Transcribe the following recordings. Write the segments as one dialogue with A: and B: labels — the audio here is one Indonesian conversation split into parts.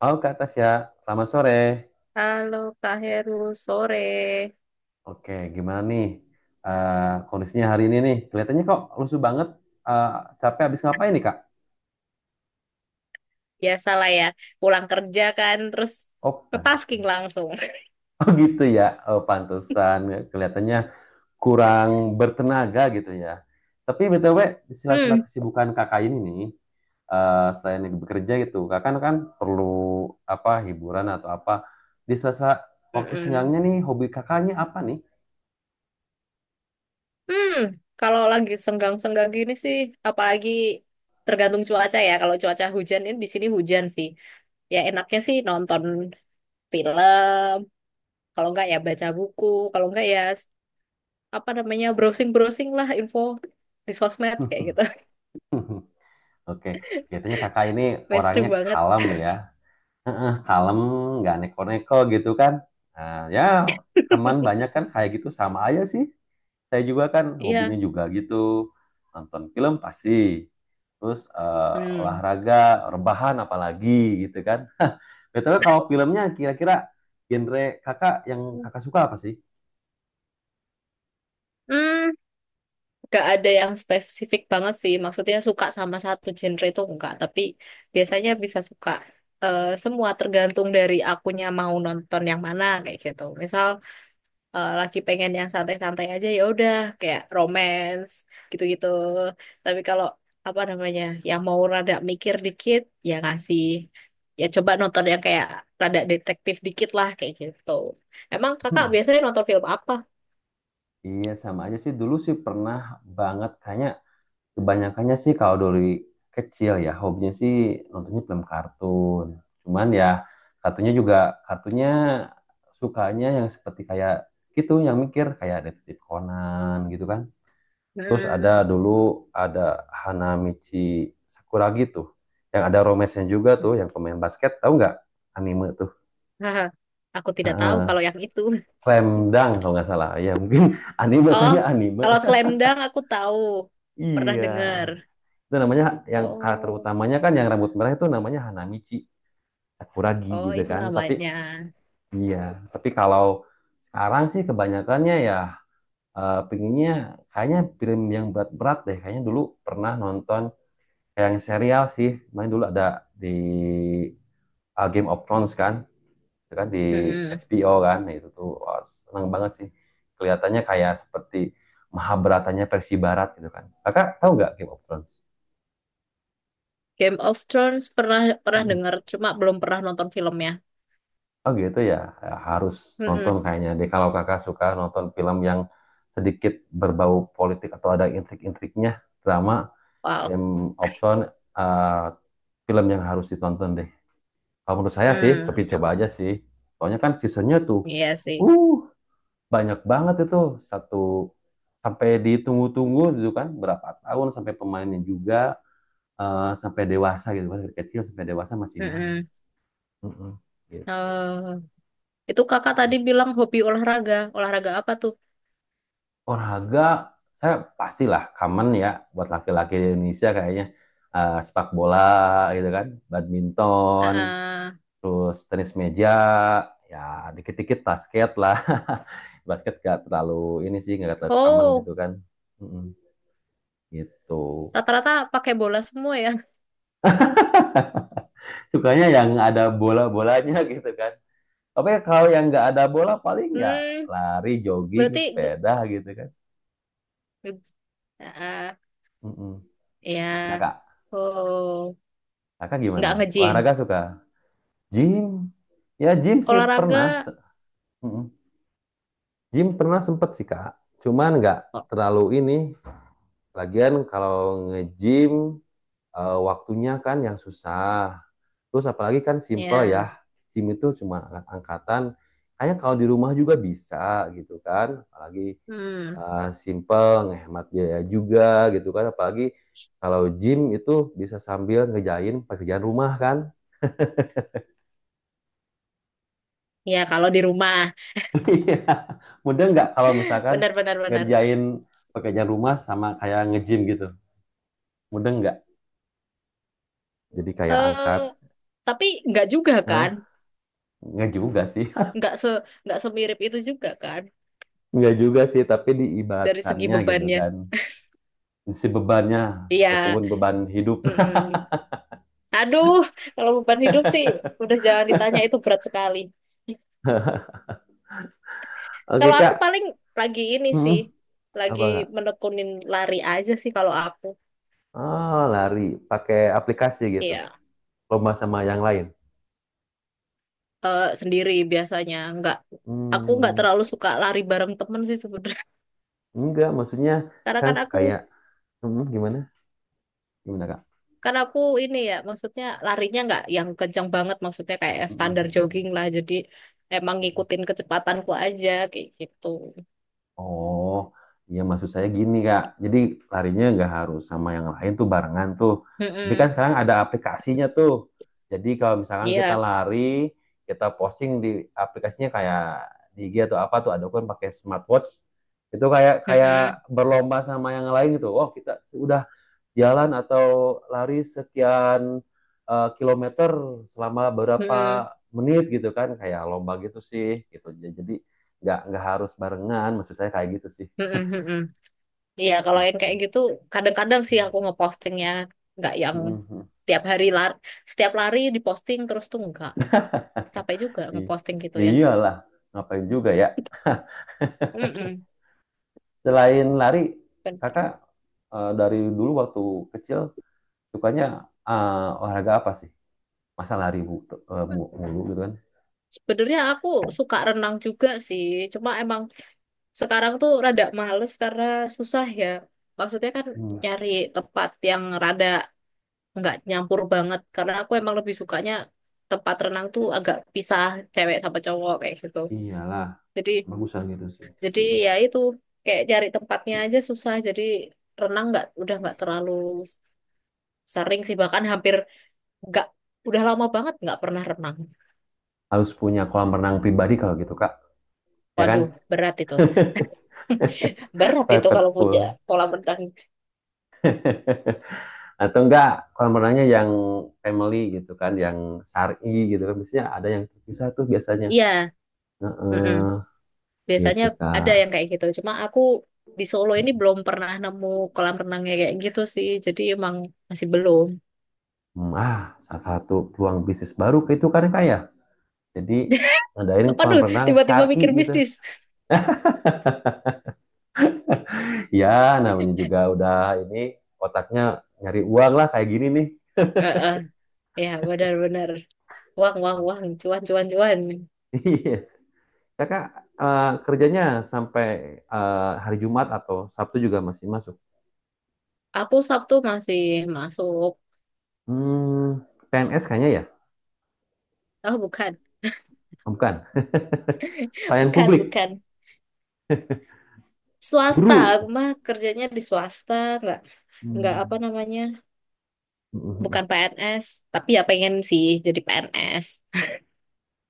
A: Halo Kak Tasya, selamat sore.
B: Halo Kak Heru, sore.
A: Oke, gimana nih, kondisinya hari ini nih? Kelihatannya kok lusuh banget. Eh, capek habis ngapain nih Kak?
B: Biasalah ya, pulang kerja kan, terus
A: Oh,
B: ke tasking
A: pantesan.
B: langsung.
A: Oh gitu ya. Oh, pantesan. Kelihatannya kurang bertenaga gitu ya. Tapi BTW, di sela-sela
B: Hmm.
A: kesibukan Kakak ini nih, selain bekerja gitu, Kakak kan perlu apa hiburan atau apa. Di sela-sela waktu senggangnya
B: Mm-mm.
A: nih, hobi Kakaknya apa nih?
B: Hmm, Kalau lagi senggang-senggang gini sih, apalagi tergantung cuaca ya. Kalau cuaca hujan ini di sini hujan sih. Ya enaknya sih nonton film, kalau enggak ya baca buku, kalau enggak ya s- apa namanya browsing-browsing lah info di sosmed kayak gitu.
A: Oke, kelihatannya kakak ini orangnya
B: Mainstream banget.
A: kalem ya. Heeh, kalem, nggak neko-neko gitu kan. Nah, ya, kaman banyak kan kayak gitu sama aja sih. Saya juga kan hobinya
B: Iya.
A: juga gitu. Nonton film pasti. Terus
B: Hmm.
A: olahraga, rebahan apalagi gitu kan. Betul, kalau filmnya kira-kira genre kakak yang kakak suka apa sih?
B: Hmm. Gak ada yang spesifik banget sih. Maksudnya suka sama satu genre itu enggak. Tapi biasanya bisa suka semua tergantung dari akunya mau nonton yang mana kayak gitu. Misal lagi pengen yang santai-santai aja ya udah kayak romance gitu-gitu. Tapi kalau apa namanya yang mau rada mikir dikit ya ngasih ya coba nonton yang kayak rada detektif dikit lah kayak gitu. Emang kakak
A: Hmm,
B: biasanya nonton film apa?
A: Iya sama aja sih, dulu sih pernah banget kayaknya. Kebanyakannya sih kalau dari kecil ya hobinya sih nontonnya film kartun. Cuman ya kartunya juga, kartunya sukanya yang seperti kayak gitu, yang mikir kayak Detektif Conan gitu kan. Terus ada
B: Hmm.
A: dulu ada Hanamichi Sakuragi tuh, yang ada romesnya juga tuh, yang pemain basket, tahu nggak anime tuh.
B: Aku tidak
A: Heeh.
B: tahu kalau yang itu.
A: Slam Dunk kalau nggak salah. Ya mungkin anime,
B: Oh,
A: biasanya anime.
B: kalau Slam Dunk aku tahu. Pernah
A: Iya.
B: dengar.
A: Itu namanya, yang karakter
B: Oh,
A: utamanya kan yang rambut merah itu namanya Hanamichi Sakuragi
B: oh
A: gitu
B: itu
A: kan. Tapi
B: namanya.
A: iya, tapi kalau sekarang sih kebanyakannya ya, pinginnya kayaknya film yang berat-berat deh. Kayaknya dulu pernah nonton kayak yang serial sih. Main dulu ada di Game of Thrones kan, itu kan di
B: Mm-mm.
A: HBO kan. Nah, itu tuh wah, seneng banget sih. Kelihatannya kayak seperti Mahabharatanya versi barat gitu kan. Kakak tahu nggak Game of Thrones?
B: Game of Thrones pernah pernah dengar, cuma belum pernah nonton filmnya.
A: Oh gitu ya. Ya, harus nonton
B: Mm-mm.
A: kayaknya deh, kalau kakak suka nonton film yang sedikit berbau politik atau ada intrik-intriknya, drama,
B: Wow.
A: Game of Thrones, eh, film yang harus ditonton deh. Kalau menurut saya sih, tapi
B: Hmm,
A: coba aja sih. Soalnya kan seasonnya tuh,
B: iya sih.
A: uh, banyak banget itu, satu sampai ditunggu-tunggu gitu kan, berapa tahun sampai pemainnya juga, sampai dewasa gitu kan, dari kecil sampai dewasa masih main.
B: Mm-mm.
A: Mm-mm, gitu.
B: Oh, itu kakak tadi bilang hobi olahraga. Olahraga apa tuh?
A: Olahraga, saya pastilah common ya buat laki-laki di Indonesia kayaknya. Sepak bola gitu kan, badminton,
B: Ah.
A: terus tenis meja, ya dikit-dikit basket lah. Basket gak terlalu ini sih, gak terlalu common
B: Oh,
A: gitu kan. Mm-mm, gitu.
B: rata-rata pakai bola semua ya.
A: Sukanya yang ada bola-bolanya gitu kan. Tapi kalau yang nggak ada bola paling ya
B: Hmm,
A: lari, jogging,
B: berarti
A: sepeda gitu kan.
B: ah,
A: Mm-mm. Nah
B: ya.
A: kak,
B: Oh,
A: kakak gimana?
B: nggak nge-gym.
A: Olahraga suka? Gym, ya gym sih pernah.
B: Olahraga.
A: Mm. Gym pernah sempet sih Kak. Cuman nggak terlalu ini. Lagian kalau nge-gym, waktunya kan yang susah. Terus apalagi kan simple ya.
B: Ya,
A: Gym itu cuma angkatan. Kayaknya kalau di rumah juga bisa gitu kan. Apalagi
B: hmm,
A: simple, ngehemat biaya juga gitu kan. Apalagi kalau gym itu bisa sambil ngejain pekerjaan rumah kan.
B: ya kalau di rumah,
A: Iya. Mudah nggak kalau misalkan
B: benar-benar. Benar.
A: ngerjain pekerjaan rumah sama kayak nge-gym gitu? Mudah nggak? Jadi kayak angkat,
B: Eh, tapi nggak juga
A: hah?
B: kan?
A: Nggak juga sih.
B: Nggak se nggak semirip itu juga kan?
A: Nggak juga sih, tapi
B: Dari segi
A: diibaratkannya gitu
B: bebannya.
A: kan. Si bebannya,
B: Iya.
A: ataupun beban hidup.
B: Mm-mm. Aduh, kalau beban hidup sih udah jangan ditanya itu berat sekali.
A: Oke,
B: Kalau aku
A: Kak.
B: paling lagi ini
A: Hmm,
B: sih, lagi
A: apa nggak?
B: menekunin lari aja sih kalau aku.
A: Oh, lari. Pakai aplikasi gitu.
B: Iya,
A: Lomba sama yang lain.
B: sendiri biasanya nggak. Aku nggak
A: Hmm,
B: terlalu suka lari bareng temen sih sebenarnya.
A: enggak, maksudnya
B: Karena
A: kan
B: kan
A: kayak,
B: aku
A: hmm, gimana? Gimana, Kak?
B: Karena aku ini ya, maksudnya larinya nggak yang kencang banget, maksudnya kayak
A: Hmm. Hmm,
B: standar
A: hmm.
B: jogging lah. Jadi emang ngikutin kecepatanku aja kayak gitu.
A: Oh, iya maksud saya gini Kak. Jadi larinya nggak harus sama yang lain tuh, barengan tuh. Tapi kan
B: Mm-mm.
A: sekarang ada aplikasinya tuh. Jadi kalau misalkan kita
B: Iya.
A: lari, kita posting di aplikasinya kayak di IG atau apa tuh, ada kan pakai smartwatch. Itu kayak kayak
B: Mm-mm.
A: berlomba sama yang lain gitu. Oh, kita udah jalan atau lari sekian, kilometer selama berapa
B: Mm-mm.
A: menit gitu kan, kayak lomba gitu sih gitu, jadi nggak harus barengan, maksud saya kayak gitu sih.
B: Mm-mm. Mm-mm. Iya, kalau yang kayak gitu kadang-kadang sih aku ngepostingnya nggak yang
A: Mhm.
B: tiap hari lari, setiap lari diposting terus tuh enggak. Capek juga
A: I-
B: ngeposting gitu
A: ya
B: ya.
A: iyalah, ngapain juga ya.
B: Mm-mm.
A: Selain lari
B: Benar.
A: kakak, dari dulu waktu kecil sukanya olahraga apa sih, masa lari bu, eh, mulu gitu kan.
B: Sebenarnya aku suka renang juga sih, cuma emang sekarang tuh rada males karena susah ya. Maksudnya kan
A: Hmm,
B: nyari tempat yang rada nggak nyampur banget. Karena aku emang lebih sukanya tempat renang tuh agak pisah cewek sama cowok kayak gitu.
A: iyalah,
B: Jadi
A: bagusan gitu sih.
B: jadi
A: Hmm.
B: ya itu kayak cari tempatnya aja susah. Jadi renang nggak udah nggak terlalu sering sih bahkan hampir nggak udah lama banget nggak pernah renang.
A: Harus punya kolam renang pribadi kalau gitu kak, ya kan?
B: Waduh, berat itu. Berat itu kalau
A: Private
B: punya
A: pool.
B: kolam renang.
A: Atau enggak kolam renangnya yang family gitu kan, yang syari gitu kan. Biasanya ada yang terpisah tuh biasanya.
B: Iya, mm,
A: Heeh,
B: biasanya
A: gitu
B: ada
A: kak.
B: yang kayak gitu. Cuma aku di Solo ini belum pernah nemu kolam renangnya kayak gitu sih. Jadi emang masih belum.
A: Hmm, ah, salah satu peluang bisnis baru ke itu kan kak ya. Jadi ngadain
B: Apa
A: kolam
B: tuh
A: renang
B: tiba-tiba
A: syari
B: mikir
A: gitu.
B: bisnis.
A: Ya namanya juga udah ini, otaknya nyari uang lah kayak gini nih.
B: Heeh. Ya benar-benar. Uang, uang, uang. Cuan, cuan, cuan.
A: Iya. Kakak, kerjanya sampai, hari Jumat atau Sabtu juga masih masuk?
B: Aku Sabtu masih masuk.
A: Hmm, PNS kayaknya ya?
B: Oh bukan,
A: Oh, bukan. Pelayan
B: bukan,
A: publik,
B: bukan. Swasta. Aku
A: guru.
B: mah kerjanya di swasta. Nggak, nggak apa
A: Hmm.
B: namanya. Bukan PNS. Tapi ya pengen sih jadi PNS.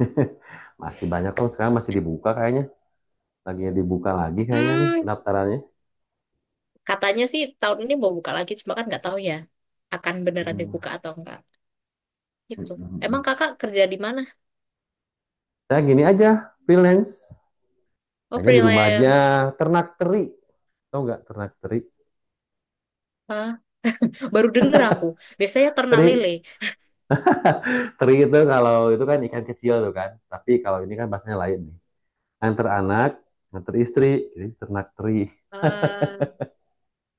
A: Masih banyak kok sekarang, masih dibuka kayaknya. Lagi dibuka lagi kayaknya nih
B: Hmm,
A: pendaftarannya.
B: katanya sih tahun ini mau buka lagi, cuma kan nggak tahu ya akan beneran
A: Hmm.
B: dibuka atau enggak. Gitu. Emang kakak kerja di mana?
A: Saya gini aja, freelance.
B: Oh
A: Kayaknya di rumah aja,
B: freelance.
A: ternak teri. Tahu nggak ternak teri?
B: Ah, baru denger aku. Biasanya ternak
A: Teri,
B: lele.
A: teri itu kalau itu kan ikan kecil tuh kan. Tapi kalau ini kan bahasanya lain nih. Antar anak, antar istri, jadi ternak teri
B: Ah,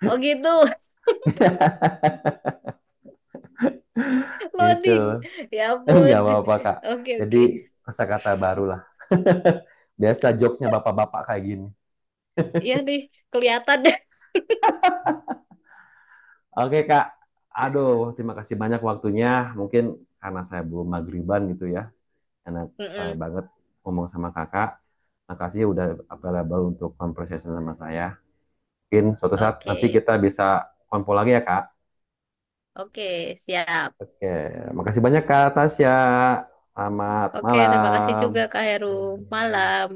B: oh gitu,
A: gitu.
B: loading. Ya ampun.
A: Nggak apa-apa kak.
B: Oke
A: Jadi
B: oke.
A: kosakata baru lah. Biasa jokesnya bapak-bapak kayak gini.
B: Iya nih, kelihatan deh.
A: Oke kak, aduh terima kasih banyak waktunya. Mungkin karena saya belum magriban gitu ya, enak
B: Mm-mm.
A: banget ngomong sama kakak. Makasih udah available untuk conversation sama saya. Mungkin suatu saat nanti
B: Oke.
A: kita bisa konvo lagi ya kak.
B: Oke, siap.
A: Oke, makasih banyak kak Tasya. Selamat
B: Oke, terima kasih
A: malam.
B: juga Kak Heru. Malam.